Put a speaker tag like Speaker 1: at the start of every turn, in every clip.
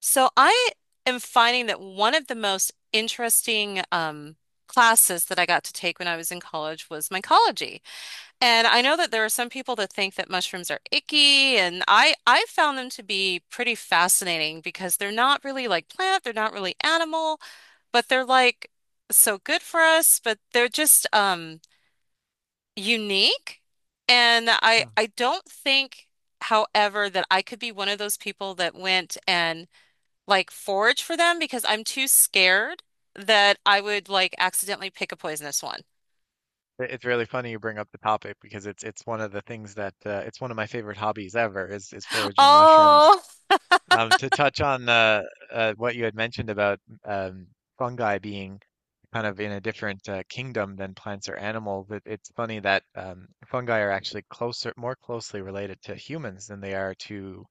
Speaker 1: So I am finding that one of the most interesting classes that I got to take when I was in college was mycology. And I know that there are some people that think that mushrooms are icky, and I found them to be pretty fascinating because they're not really like plant, they're not really animal, but they're like so good for us, but they're just unique. And I
Speaker 2: Hmm.
Speaker 1: I don't think, however, that I could be one of those people that went and like forage for them because I'm too scared that I would like accidentally pick a poisonous one.
Speaker 2: It's really funny you bring up the topic because it's one of the things that it's one of my favorite hobbies ever is foraging mushrooms.
Speaker 1: Oh,
Speaker 2: To touch on what you had mentioned about um, fungi being kind of in a different kingdom than plants or animals, it's funny that fungi are actually closer, more closely related to humans than they are to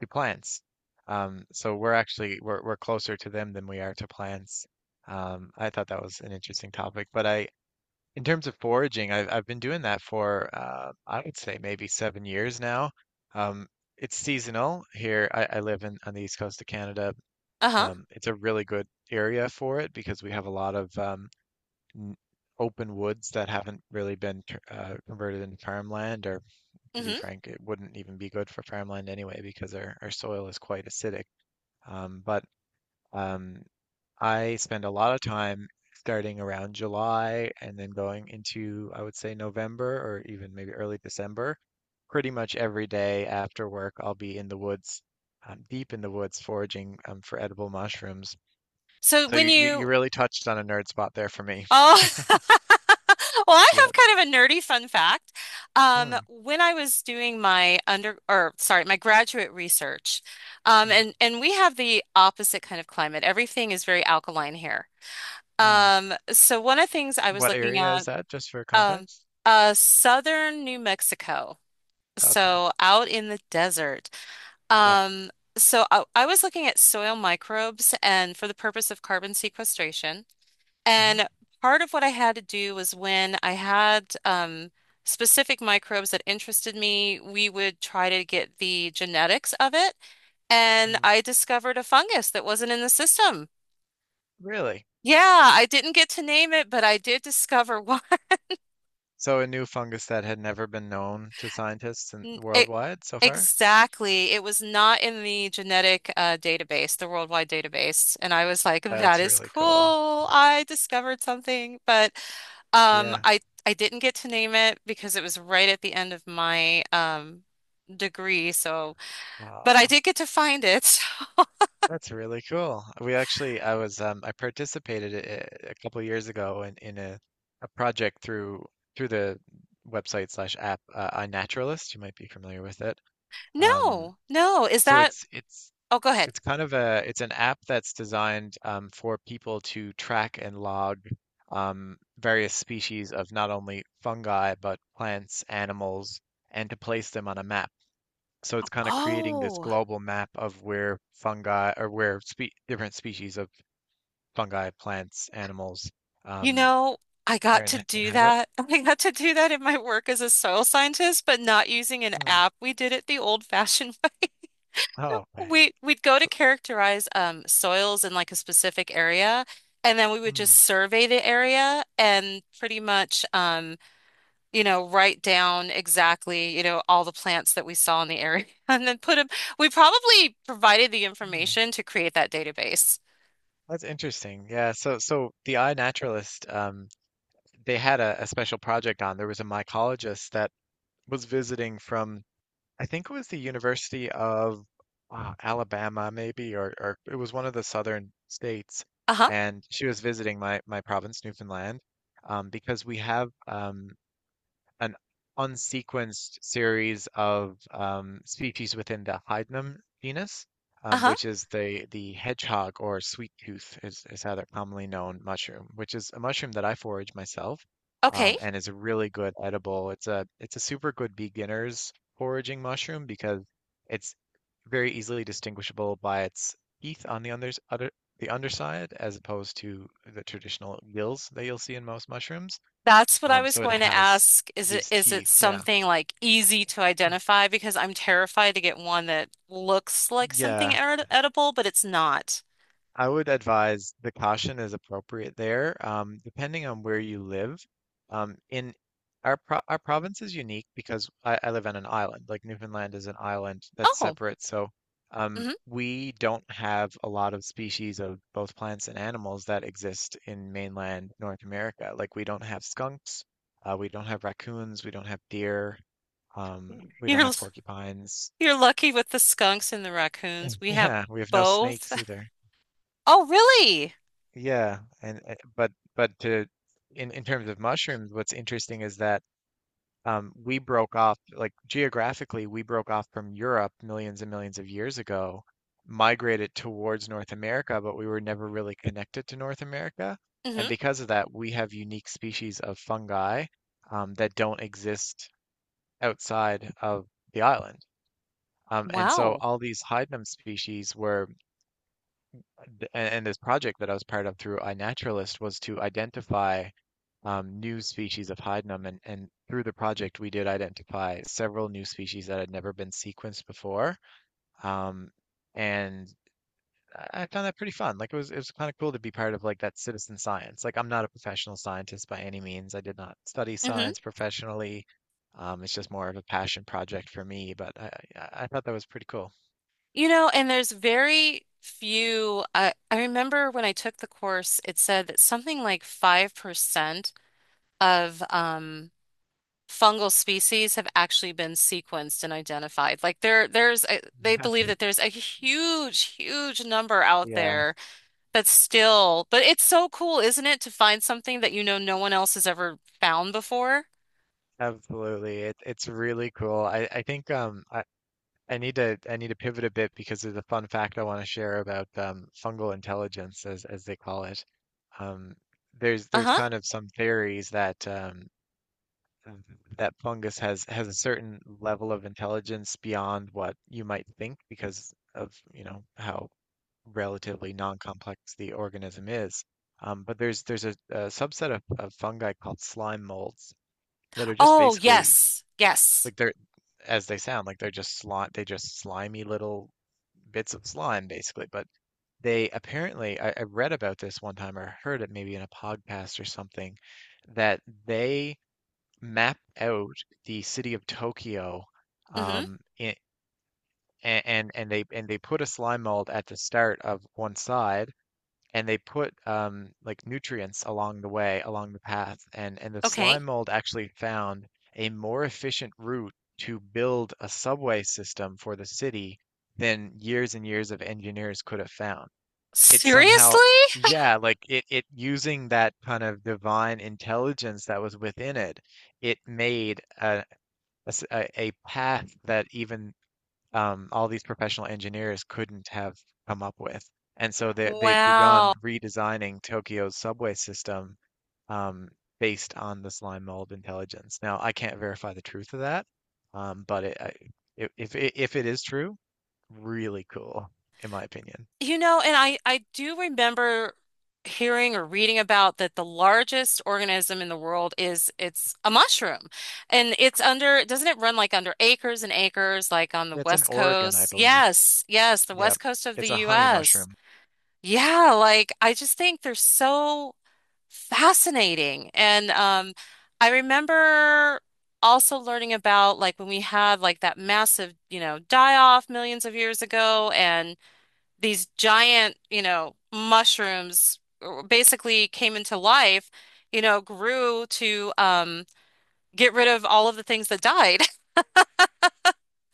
Speaker 2: to plants. So we're actually we're closer to them than we are to plants. I thought that was an interesting topic, but I in terms of foraging, I've been doing that for I would say maybe 7 years now. Um, it's seasonal here. I live in on the east coast of Canada.
Speaker 1: uh-huh.
Speaker 2: It's a really good area for it because we have a lot of n- open woods that haven't really been converted into farmland, or to be
Speaker 1: Hmm.
Speaker 2: frank, it wouldn't even be good for farmland anyway because our soil is quite acidic. But um, I spend a lot of time starting around July and then going into, I would say, November or even maybe early December. Pretty much every day after work, I'll be in the woods, deep in the woods, foraging for edible mushrooms.
Speaker 1: So
Speaker 2: So
Speaker 1: when you
Speaker 2: you really touched on a nerd spot there for me.
Speaker 1: oh, well, I
Speaker 2: Yeah.
Speaker 1: have kind of a nerdy fun fact.
Speaker 2: Hmm.
Speaker 1: When I was doing my under, or sorry, my graduate research, um,
Speaker 2: hmm,
Speaker 1: and and we have the opposite kind of climate. Everything is very alkaline here.
Speaker 2: hmm.
Speaker 1: So one of the things I was
Speaker 2: What
Speaker 1: looking
Speaker 2: area is
Speaker 1: at,
Speaker 2: that, just for
Speaker 1: um,
Speaker 2: context?
Speaker 1: southern New Mexico.
Speaker 2: Okay.
Speaker 1: So out in the desert.
Speaker 2: Yeah.
Speaker 1: Um, so I was looking at soil microbes and for the purpose of carbon sequestration.
Speaker 2: hmm
Speaker 1: And part of what I had to do was when I had specific microbes that interested me, we would try to get the genetics of it. And
Speaker 2: hmm.
Speaker 1: I discovered a fungus that wasn't in the system.
Speaker 2: Really?
Speaker 1: Yeah, I didn't get to name it, but I did discover one.
Speaker 2: So a new fungus that had never been known to scientists in,
Speaker 1: N- It,
Speaker 2: worldwide so far?
Speaker 1: exactly. It was not in the genetic database, the worldwide database. And I was like, that
Speaker 2: That's
Speaker 1: is
Speaker 2: really cool.
Speaker 1: cool. I discovered something. Um,
Speaker 2: Yeah.
Speaker 1: I, I didn't get to name it because it was right at the end of my degree. So, but I
Speaker 2: Wow,
Speaker 1: did get to find it.
Speaker 2: that's really cool. We actually, I participated a couple years ago in a project through the website slash app iNaturalist. You might be familiar with it. Um,
Speaker 1: No, no. Is
Speaker 2: so
Speaker 1: that?
Speaker 2: it's it's
Speaker 1: Oh, go ahead.
Speaker 2: it's kind of a it's an app that's designed for people to track and log various species of not only fungi but plants, animals, and to place them on a map. So it's kind of creating this
Speaker 1: Oh.
Speaker 2: global map of where fungi or where spe different species of fungi, plants, animals
Speaker 1: You
Speaker 2: um,
Speaker 1: know, I
Speaker 2: are
Speaker 1: got to
Speaker 2: in
Speaker 1: do
Speaker 2: inhabit.
Speaker 1: that. I got to do that in my work as a soil scientist, but not using an
Speaker 2: Hmm.
Speaker 1: app. We did it the old-fashioned way.
Speaker 2: Oh, okay.
Speaker 1: We'd go to
Speaker 2: So-
Speaker 1: characterize soils in like a specific area, and then we would just
Speaker 2: Hmm.
Speaker 1: survey the area and pretty much you know, write down exactly, you know, all the plants that we saw in the area and then put them. We probably provided the
Speaker 2: hmm.
Speaker 1: information to create that database.
Speaker 2: That's interesting. Yeah. So the iNaturalist, they had a special project on. There was a mycologist that was visiting from I think it was the University of Alabama, maybe, or it was one of the southern states.
Speaker 1: Uh-huh.
Speaker 2: And she was visiting my province, Newfoundland, because we have an unsequenced series of species within the Hydnum genus,
Speaker 1: Uh-huh.
Speaker 2: which is the hedgehog or sweet tooth is how they're commonly known mushroom, which is a mushroom that I forage myself
Speaker 1: Okay.
Speaker 2: and is a really good edible. It's a super good beginner's foraging mushroom because it's very easily distinguishable by its teeth on the unders other the underside as opposed to the traditional gills that you'll see in most mushrooms.
Speaker 1: That's what I
Speaker 2: Um,
Speaker 1: was
Speaker 2: so it
Speaker 1: going to
Speaker 2: has
Speaker 1: ask. Is it,
Speaker 2: these
Speaker 1: is it
Speaker 2: teeth. Yeah.
Speaker 1: something like easy to identify? Because I'm terrified to get one that looks like something
Speaker 2: Yeah.
Speaker 1: ed edible, but it's not.
Speaker 2: I would advise the caution is appropriate there, depending on where you live. In our pro Our province is unique because I live on an island. Like Newfoundland is an island that's
Speaker 1: Oh,
Speaker 2: separate, so
Speaker 1: hmm.
Speaker 2: we don't have a lot of species of both plants and animals that exist in mainland North America. Like we don't have skunks, we don't have raccoons, we don't have deer, we don't
Speaker 1: You're
Speaker 2: have porcupines.
Speaker 1: you're lucky with the skunks and the raccoons.
Speaker 2: And
Speaker 1: We have
Speaker 2: yeah, we have no
Speaker 1: both.
Speaker 2: snakes either.
Speaker 1: Oh, really?
Speaker 2: Yeah, and but to In terms of mushrooms, what's interesting is that we broke off like geographically we broke off from Europe millions and millions of years ago, migrated towards North America, but we were never really connected to North America.
Speaker 1: Hmm.
Speaker 2: And because of that, we have unique species of fungi that don't exist outside of the island. And so
Speaker 1: Wow.
Speaker 2: all these hydnum species were and and this project that I was part of through iNaturalist was to identify new species of hydnum. And through the project, we did identify several new species that had never been sequenced before. Um, and I found that pretty fun. Like it was kind of cool to be part of like that citizen science. Like I'm not a professional scientist by any means. I did not study
Speaker 1: Hmm.
Speaker 2: science professionally. It's just more of a passion project for me, but I thought that was pretty cool.
Speaker 1: You know, and there's very few. I remember when I took the course, it said that something like 5% of fungal species have actually been sequenced and identified. Like they believe that there's a huge, huge number out
Speaker 2: Yeah.
Speaker 1: there that's still, but it's so cool, isn't it, to find something that you know no one else has ever found before?
Speaker 2: Absolutely. It's really cool. I need to pivot a bit because there's a fun fact I want to share about fungal intelligence as they call it. Um there's
Speaker 1: Uh-huh.
Speaker 2: kind of some theories that that fungus has a certain level of intelligence beyond what you might think because of, you know, how relatively non-complex the organism is. But there's a subset of fungi called slime molds that are just
Speaker 1: Oh,
Speaker 2: basically
Speaker 1: yes, yes.
Speaker 2: like they're, as they sound, like they're just slime, they just slimy little bits of slime, basically. But they apparently, I read about this one time or heard it maybe in a podcast or something, that they map out the city of Tokyo,
Speaker 1: Mm-hmm.
Speaker 2: um, in, and they put a slime mold at the start of one side and they put like nutrients along the way, along the path, and the
Speaker 1: Okay.
Speaker 2: slime mold actually found a more efficient route to build a subway system for the city than years and years of engineers could have found. It somehow,
Speaker 1: Seriously?
Speaker 2: yeah, like it using that kind of divine intelligence that was within it, it made a path that even all these professional engineers couldn't have come up with. And so they've
Speaker 1: Wow.
Speaker 2: begun redesigning Tokyo's subway system um, based on the slime mold intelligence. Now, I can't verify the truth of that, um, but it, I, if, if it is true, really cool, in my opinion.
Speaker 1: You know, and I do remember hearing or reading about that the largest organism in the world is it's a mushroom. And it's under, doesn't it run like under acres and acres like on the
Speaker 2: It's in
Speaker 1: West
Speaker 2: Oregon, I
Speaker 1: Coast?
Speaker 2: believe.
Speaker 1: Yes, yes, the
Speaker 2: Yeah,
Speaker 1: West Coast of the
Speaker 2: it's a honey
Speaker 1: US.
Speaker 2: mushroom.
Speaker 1: Yeah, like I just think they're so fascinating. And I remember also learning about like when we had like that massive, you know, die off millions of years ago and these giant, you know, mushrooms basically came into life, you know, grew to get rid of all of the things that died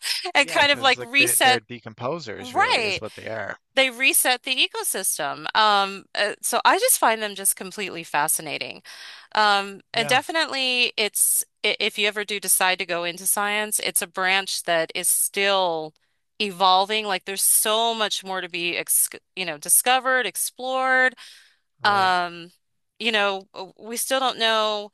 Speaker 1: and
Speaker 2: Yeah,
Speaker 1: kind of
Speaker 2: because
Speaker 1: like
Speaker 2: like they're
Speaker 1: reset.
Speaker 2: decomposers, really, is
Speaker 1: Right.
Speaker 2: what they are.
Speaker 1: They reset the ecosystem. So I just find them just completely fascinating. And
Speaker 2: Yeah,
Speaker 1: definitely it's, if you ever do decide to go into science, it's a branch that is still evolving. Like there's so much more to be, ex you know, discovered, explored.
Speaker 2: right.
Speaker 1: Um, you know, we still don't know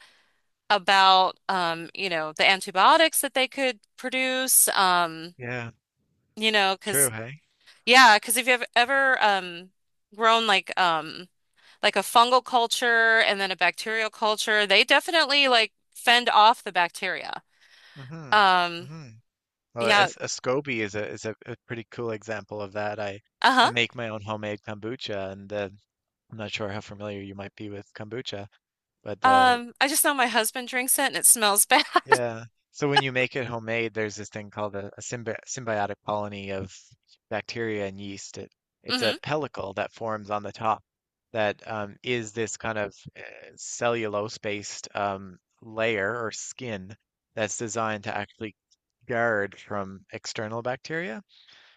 Speaker 1: about you know, the antibiotics that they could produce.
Speaker 2: Yeah,
Speaker 1: You know,
Speaker 2: true.
Speaker 1: because
Speaker 2: Hey.
Speaker 1: yeah, because if you've ever grown like a fungal culture and then a bacterial culture, they definitely like fend off the bacteria.
Speaker 2: Mm-hmm.
Speaker 1: Um,
Speaker 2: Mm-hmm. Well, a
Speaker 1: yeah,
Speaker 2: a SCOBY is a pretty cool example of that. I
Speaker 1: uh-huh.
Speaker 2: make my own homemade kombucha, and I'm not sure how familiar you might be with kombucha, but
Speaker 1: I just know my husband drinks it and it smells bad.
Speaker 2: yeah. So when you make it homemade, there's this thing called a symbi symbiotic colony of bacteria and yeast. It's
Speaker 1: Hmm.
Speaker 2: a pellicle that forms on the top that is this kind of cellulose-based layer or skin that's designed to actually guard from external bacteria.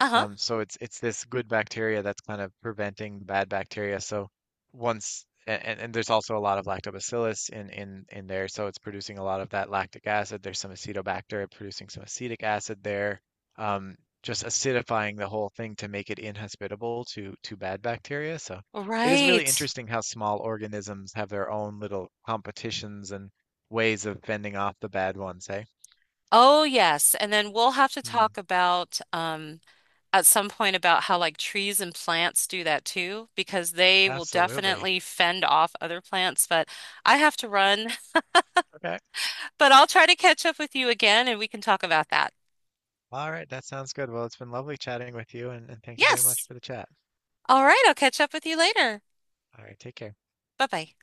Speaker 1: Uh-huh.
Speaker 2: So it's this good bacteria that's kind of preventing the bad bacteria. So once and there's also a lot of lactobacillus in there, so it's producing a lot of that lactic acid. There's some acetobacter producing some acetic acid there, um, just acidifying the whole thing to make it inhospitable to bad bacteria. So it is really
Speaker 1: Right.
Speaker 2: interesting how small organisms have their own little competitions and ways of fending off the bad ones, hey,
Speaker 1: Oh, yes. And then we'll have to
Speaker 2: hmm,
Speaker 1: talk about at some point about how like trees and plants do that too, because they will
Speaker 2: absolutely.
Speaker 1: definitely fend off other plants. But I have to run,
Speaker 2: Okay.
Speaker 1: but I'll try to catch up with you again and we can talk about that.
Speaker 2: All right, that sounds good. Well, it's been lovely chatting with you, and thank you very much
Speaker 1: Yes.
Speaker 2: for the chat.
Speaker 1: All right. I'll catch up with you later.
Speaker 2: All right, take care.
Speaker 1: Bye bye.